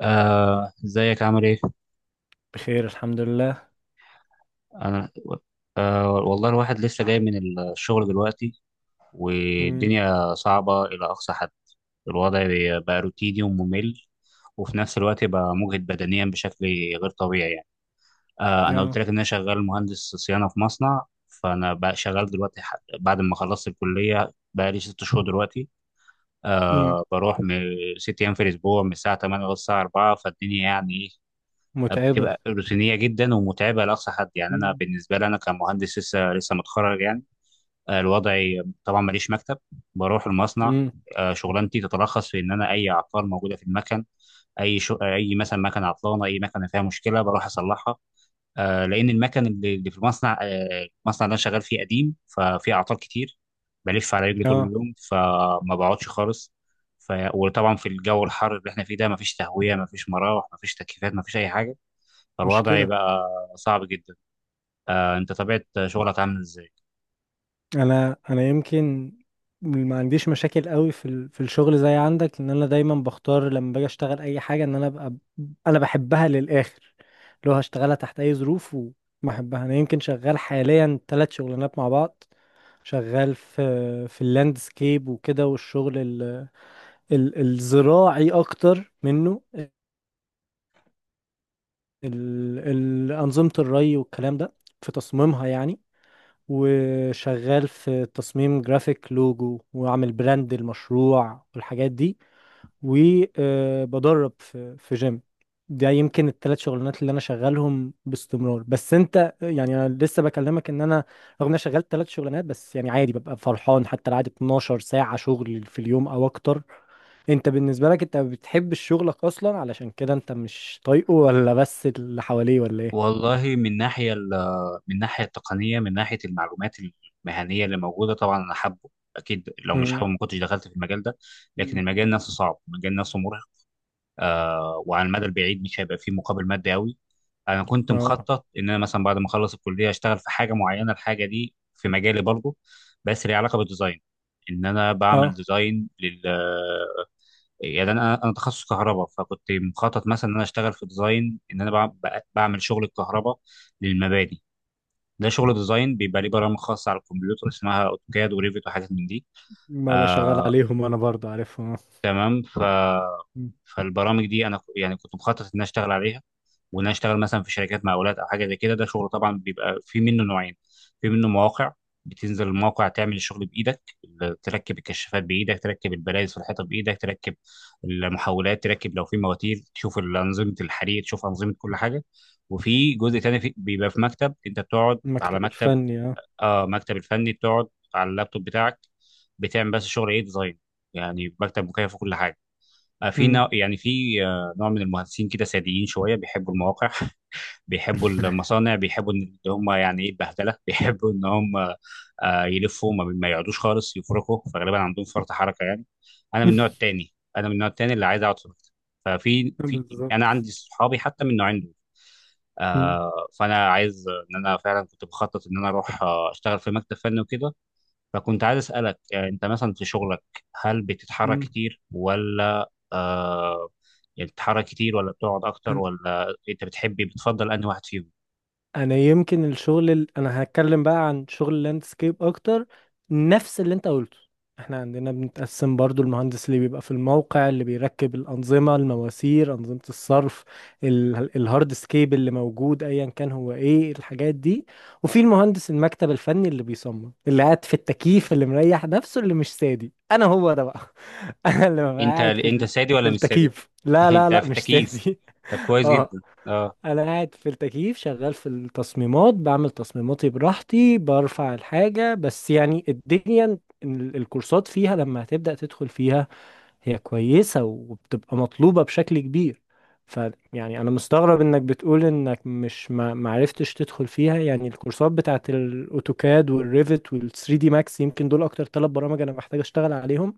ازيك عامل ايه؟ بخير، الحمد لله. انا آه، والله الواحد لسه جاي من الشغل دلوقتي، امم. والدنيا صعبة الى اقصى حد. الوضع بقى روتيني وممل، وفي نفس الوقت بقى مجهد بدنيا بشكل غير طبيعي يعني. انا قلت اه. لك ان انا شغال مهندس صيانة في مصنع. فانا بقى شغال دلوقتي، بعد ما خلصت الكلية بقى لي 6 شهور دلوقتي. امم. بروح من 6 ايام في الاسبوع من الساعة 8 للساعة 4، فالدنيا يعني إيه؟ متعبة. بتبقى روتينيه جدا ومتعبه لاقصى حد. يعني انا امم. بالنسبه لي انا كمهندس لسه لسه متخرج يعني. الوضع طبعا ماليش مكتب، بروح المصنع. امم. شغلانتي تتلخص في ان انا اي عطار موجوده في المكن، اي مثلا مكنه عطلانه، اي مكنه فيها مشكله بروح اصلحها. لان المكن اللي في المصنع، المصنع اللي انا شغال فيه قديم، ففي اعطال كتير. بلف على رجلي طول اه. اليوم فما بقعدش خالص. وطبعا في الجو الحر اللي احنا فيه ده مفيش تهويه، مفيش مراوح، مفيش تكييفات، مفيش اي حاجه، فالوضع مشكلة. يبقى صعب جدا. انت طبيعة شغلك عامل ازاي؟ انا يمكن ما عنديش مشاكل قوي في الشغل زي عندك، ان انا دايما بختار لما باجي اشتغل اي حاجة ان انا ابقى، انا بحبها للاخر لو هشتغلها تحت اي ظروف وما احبها. انا يمكن شغال حاليا ثلاث شغلانات مع بعض، شغال في اللاندسكيب وكده، والشغل الزراعي اكتر منه، أنظمة الري والكلام ده في تصميمها يعني. وشغال في تصميم جرافيك، لوجو، وعامل براند المشروع والحاجات دي. وبدرب في جيم. ده يمكن الثلاث شغلانات اللي انا شغالهم باستمرار. بس انت يعني انا لسه بكلمك ان انا، رغم ان انا شغال ثلاث شغلانات، بس يعني عادي ببقى فرحان حتى لو قعدت 12 ساعة شغل في اليوم او اكتر. انت بالنسبة لك انت بتحب شغلك اصلا علشان كده انت مش طايقه، ولا بس اللي حواليه، ولا ايه؟ والله من من الناحية التقنية، من ناحية المعلومات المهنية اللي موجودة، طبعا أنا حابه. أكيد لو مش امم. حابه ما كنتش دخلت في المجال ده. لكن أمم. المجال نفسه صعب، المجال نفسه مرهق. آه، وعلى المدى البعيد مش هيبقى فيه مقابل مادي أوي. أنا كنت اه. مخطط إن أنا مثلا بعد ما أخلص الكلية أشتغل في حاجة معينة. الحاجة دي في مجالي برضه، بس ليها علاقة بالديزاين، إن أنا بعمل اه. ديزاين. يعني انا تخصص كهرباء، فكنت مخطط مثلا ان انا اشتغل في ديزاين، ان انا بعمل شغل الكهرباء للمباني. ده شغل ديزاين بيبقى ليه برامج خاصه على الكمبيوتر اسمها اوتوكاد وريفيت وحاجات من دي. ما بشغل آه، عليهم انا برضه عارفهم، آه. تمام. أمم. فالبرامج دي انا يعني كنت مخطط ان انا اشتغل عليها، وان انا اشتغل مثلا في شركات مقاولات او حاجه زي كده. ده شغل طبعا بيبقى في منه نوعين. في منه مواقع، بتنزل الموقع تعمل الشغل بايدك، تركب الكشافات بايدك، تركب البلايز في الحيطه بايدك، تركب المحولات، تركب لو في مواتير، تشوف انظمه الحريق، تشوف انظمه كل حاجه. وفي جزء تاني بيبقى في مكتب، انت بتقعد على المكتب مكتب. الفني، اه. اه، مكتب الفني، بتقعد على اللابتوب بتاعك، بتعمل بس شغل ايه؟ ديزاين، يعني مكتب مكيف وكل حاجه. في أمم. نوع، يعني في نوع من المهندسين كده ساديين شويه، بيحبوا المواقع، بيحبوا المصانع، بيحبوا ان هم يعني ايه البهدله. بيحبوا ان هم يلفوا، ما يقعدوش خالص، يفركوا، فغالبا عندهم فرط حركه يعني. انا من النوع التاني، انا من النوع التاني اللي عايز اقعد في المكتب. ففي انا بالظبط. عندي صحابي حتى من النوعين دول. أمم. آه، فانا عايز ان انا فعلا كنت بخطط ان انا اروح اشتغل في مكتب فني وكده. فكنت عايز اسالك، انت مثلا في شغلك هل بتتحرك أمم. كتير ولا يعني، بتتحرك كتير ولا بتقعد اكتر؟ ولا انت بتحبي بتفضل انهي واحد فيهم؟ انا يمكن الشغل انا هتكلم بقى عن شغل اللاندسكيب اكتر، نفس اللي انت قلته. احنا عندنا بنتقسم برضو، المهندس اللي بيبقى في الموقع اللي بيركب الانظمه، المواسير، انظمه الصرف، الهارد سكيب اللي موجود ايا كان هو ايه الحاجات دي، وفي المهندس المكتب الفني اللي بيصمم اللي قاعد في التكييف اللي مريح نفسه اللي مش سادي، انا هو ده بقى. انا اللي ببقى انت قاعد انت سادي في ولا مش سادي؟ التكييف. لا لا انت لا، في مش التكييف. سادي. طب كويس اه. جدا، اه. انا قاعد في التكييف، شغال في التصميمات، بعمل تصميماتي براحتي، برفع الحاجة. بس يعني الدنيا الكورسات فيها لما هتبدأ تدخل فيها هي كويسة وبتبقى مطلوبة بشكل كبير. فيعني انا مستغرب انك بتقول انك مش ما معرفتش تدخل فيها، يعني الكورسات بتاعت الاوتوكاد والريفت وال3 دي ماكس، يمكن دول اكتر ثلاث برامج انا محتاج اشتغل عليهم،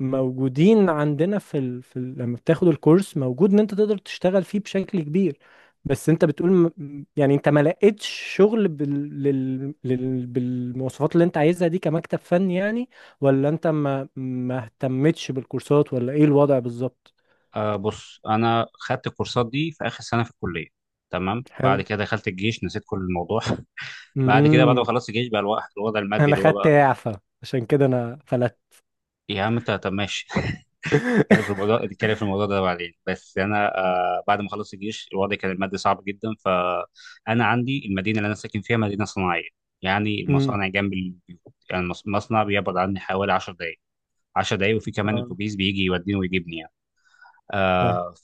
موجودين عندنا لما بتاخد الكورس موجود ان انت تقدر تشتغل فيه بشكل كبير. بس انت بتقول يعني انت ما لقيتش شغل بالمواصفات اللي انت عايزها دي كمكتب فني يعني، ولا انت ما اهتمتش بالكورسات، ولا ايه الوضع بالظبط؟ بص، انا خدت الكورسات دي في اخر سنه في الكليه، تمام. بعد حلو. كده دخلت الجيش، نسيت كل الموضوع. بعد كده، بعد ما امم. خلصت الجيش، بقى الوضع المادي انا اللي هو خدت بقى. اعفاء، عشان كده انا فلت. يا عم انت طب ماشي. نتكلم في الموضوع، نتكلم في الموضوع ده بعدين. بس انا، بعد ما خلصت الجيش الوضع كان المادي صعب جدا. فانا عندي المدينه اللي انا ساكن فيها مدينه صناعيه، يعني امم. المصانع جنب البيوت، يعني المصنع بيبعد عني حوالي 10 دقائق، 10 دقايق، وفي كمان اه. اتوبيس بيجي يوديني ويجيبني يعني. فاهم. آه،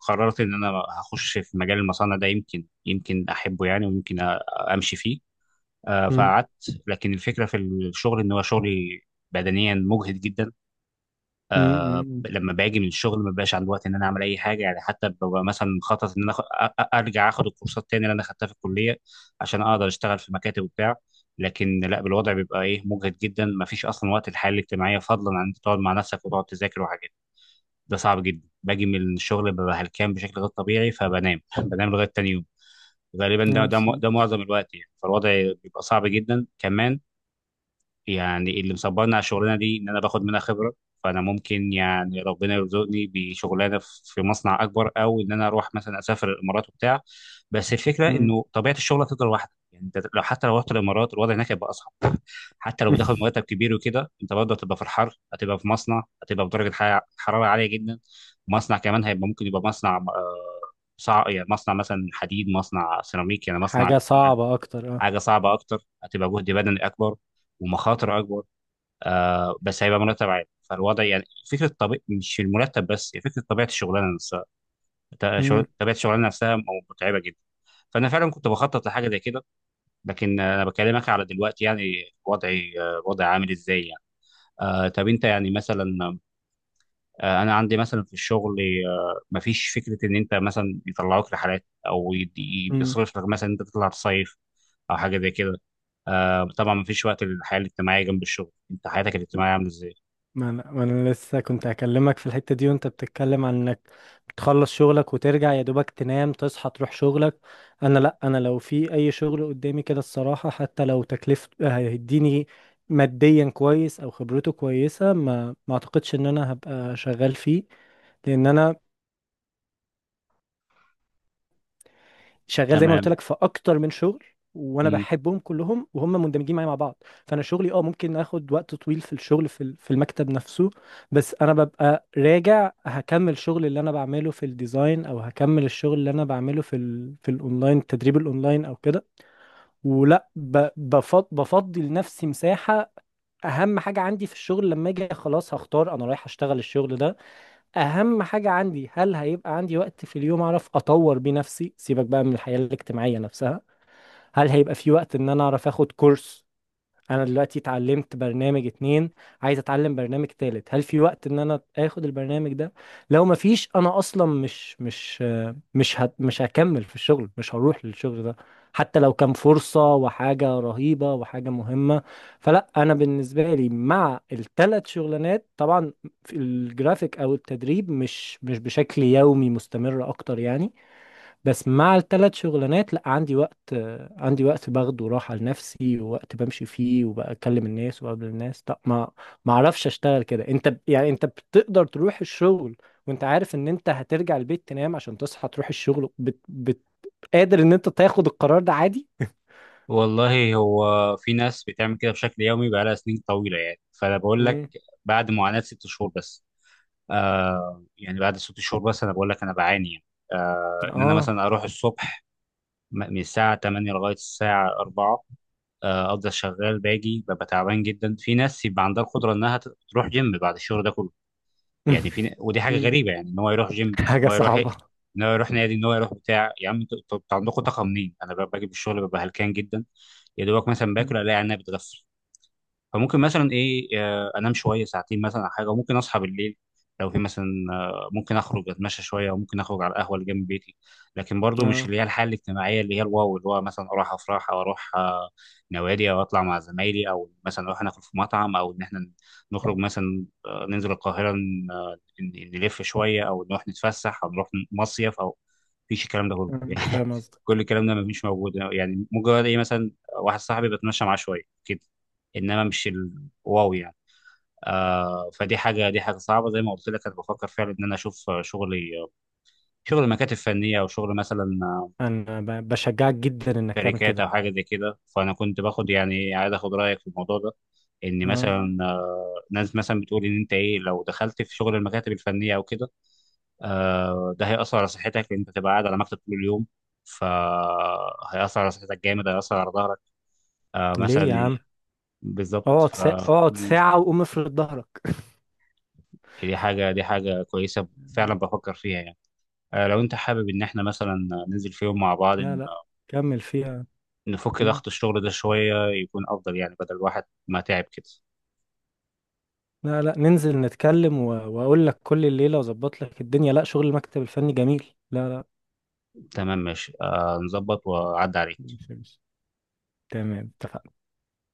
فقررت ان انا هخش في مجال المصانع ده، يمكن يمكن احبه يعني، ويمكن امشي فيه. آه، امم. فقعدت. لكن الفكره في الشغل ان هو شغلي بدنيا مجهد جدا. امم. أمم. لما باجي من الشغل ما بقاش عندي وقت ان انا اعمل اي حاجه يعني. حتى ببقى مثلا مخطط ان انا ارجع اخد الكورسات تاني اللي انا خدتها في الكليه، عشان اقدر اشتغل في مكاتب وبتاع. لكن لا، بالوضع بيبقى ايه، مجهد جدا، ما فيش اصلا وقت الحياه الاجتماعيه، فضلا عن انت تقعد مع نفسك وتقعد تذاكر وحاجات. ده صعب جدا. باجي من الشغل ببقى هلكان بشكل غير طبيعي، فبنام بنام لغايه تاني يوم. غالبا آه، ده بالظبط. معظم الوقت يعني. فالوضع بيبقى صعب جدا كمان. يعني اللي مصبرني على الشغلانه دي ان انا باخد منها خبره. فانا ممكن يعني ربنا يرزقني بشغلانه في مصنع اكبر، او ان انا اروح مثلا اسافر الامارات وبتاع. بس الفكره امم. انه طبيعه الشغل هتفضل واحده يعني. انت لو حتى لو رحت الامارات الوضع هناك هيبقى اصعب. حتى لو بتاخد مرتب كبير وكده، انت برضه هتبقى في الحر، هتبقى في مصنع، هتبقى في درجه حراره عاليه جدا. مصنع كمان هيبقى ممكن يبقى مصنع، يعني مصنع مثلا حديد، مصنع سيراميك، يعني مصنع حاجة صعبة أكتر، أه. حاجه صعبه اكتر، هتبقى جهد بدني اكبر، ومخاطر اكبر. آه، بس هيبقى مرتب عالي. فالوضع يعني فكره طبيعي، مش المرتب بس، هي فكره طبيعه الشغلانه نفسها. مم. طبيعه الشغلانه نفسها متعبه جدا. فانا فعلا كنت بخطط لحاجه زي كده. لكن انا بكلمك على دلوقتي يعني، وضعي، وضعي عامل ازاي يعني. آه، طب انت يعني مثلا، انا عندي مثلا في الشغل، مفيش فكره ان انت مثلا يطلعوك رحلات، او مم. يصرف لك مثلا انت تطلع تصيف او حاجه زي كده. طبعا مفيش وقت للحياه الاجتماعيه جنب الشغل، انت حياتك الاجتماعيه عامله ازاي؟ ما أنا لسه كنت هكلمك في الحتة دي، وأنت بتتكلم عن إنك بتخلص شغلك وترجع يا دوبك تنام، تصحى تروح شغلك. أنا لأ، أنا لو في أي شغل قدامي كده، الصراحة حتى لو تكلفة هيديني ماديا كويس أو خبرته كويسة، ما أعتقدش إن أنا هبقى شغال فيه، لأن أنا شغال زي ما قلت تمام. لك في اكتر من شغل، وانا مم. بحبهم كلهم، وهم مندمجين معايا مع بعض. فانا شغلي ممكن اخد وقت طويل في الشغل، في المكتب نفسه، بس انا ببقى راجع هكمل الشغل اللي انا بعمله في الديزاين، او هكمل الشغل اللي انا بعمله في الاونلاين، التدريب الاونلاين او كده، ولا بفضي لنفسي مساحة. اهم حاجة عندي في الشغل لما اجي خلاص هختار انا رايح اشتغل الشغل ده، اهم حاجة عندي هل هيبقى عندي وقت في اليوم اعرف اطور بيه نفسي، سيبك بقى من الحياة الاجتماعية نفسها. هل هيبقى في وقت ان انا اعرف اخد كورس؟ انا دلوقتي اتعلمت برنامج اتنين، عايز اتعلم برنامج تالت، هل في وقت ان انا اخد البرنامج ده؟ لو ما فيش، انا اصلا مش هكمل في الشغل، مش هروح للشغل ده، حتى لو كان فرصة وحاجة رهيبة وحاجة مهمة. فلا، انا بالنسبة لي مع الثلاث شغلانات، طبعا في الجرافيك او التدريب مش بشكل يومي مستمر اكتر يعني، بس مع الثلاث شغلانات لا، عندي وقت عندي وقت باخده راحة لنفسي، ووقت بمشي فيه وبكلم الناس وبقابل الناس. لا، ما اعرفش اشتغل كده. انت يعني انت بتقدر تروح الشغل وانت عارف ان انت هترجع البيت تنام عشان تصحى تروح الشغل، قادر ان انت تاخد القرار ده عادي؟ والله هو في ناس بتعمل كده بشكل يومي بقالها سنين طويله يعني. فانا بقول لك مم. بعد معاناه 6 شهور بس. آه، يعني بعد 6 شهور بس انا بقول لك انا بعاني يعني. آه، ان انا اه. مثلا اروح الصبح من الساعه 8 لغايه الساعه 4، افضل شغال، باجي ببقى تعبان جدا. في ناس يبقى عندها القدره انها تروح جيم بعد الشغل ده كله. يعني ودي حاجه مم. غريبه يعني، ان هو يروح جيم، ان حاجة هو يروح إيه؟ صعبة. ان هو يروح نادي، ان هو يروح بتاع. يا عم انتوا عندكم طاقه منين؟ انا باجي من الشغل ببقى هلكان جدا. يا دوبك مثلا باكل مم. الاقي عينيا بتغفل. فممكن مثلا ايه، انام شويه ساعتين مثلا او حاجه. وممكن اصحى بالليل لو في مثلا، ممكن اخرج اتمشى شويه، وممكن اخرج على القهوه اللي جنب بيتي. لكن برضو مش اه. اللي هي الحاله الاجتماعيه اللي هي الواو، اللي هو مثلا اروح افراح، او اروح نوادي، او اطلع مع زمايلي، او مثلا نروح ناكل في مطعم، او ان احنا نخرج مثلا، ننزل القاهره، نلف شويه، او نروح نتفسح، او نروح مصيف، او مفيش الكلام ده كله. آه، يعني فاهم قصدك. كل الكلام ده مفيش موجود يعني. مجرد ايه مثلا، واحد صاحبي بتمشى معاه شويه كده، انما مش الواو يعني. آه، فدي حاجه دي حاجه صعبه زي ما قلت لك. انا بفكر فعلا ان انا اشوف شغل مكاتب فنيه، او شغل مثلا انا بشجعك جدا انك تعمل شركات كده. او حاجه زي كده. فانا كنت باخد يعني عايز اخد رايك في الموضوع ده، ان اه، مثلا ناس مثلا بتقول ان انت ايه لو دخلت في شغل المكاتب الفنيه او كده، ده هيأثر على صحتك، لان انت تبقى قاعد على مكتب طول اليوم، فهيأثر على صحتك جامد، هيأثر على ظهرك ليه مثلا. يا عم؟ بالظبط. اقعد اقعد ساعة وقوم افرد ظهرك. يعني دي حاجة كويسة، فعلا بفكر فيها يعني. لو انت حابب ان احنا مثلا ننزل في يوم مع بعض، لا لا، كمل فيها. نفك مم. ضغط الشغل ده شوية، يكون افضل يعني بدل الواحد ما تعب كده. لا لا، ننزل نتكلم واقول لك كل الليلة واظبط لك الدنيا، لا، شغل المكتب الفني جميل، لا لا. تمام ماشي، نظبط واعدي عليك. ماشي، ماشي. تمام، اتفقنا.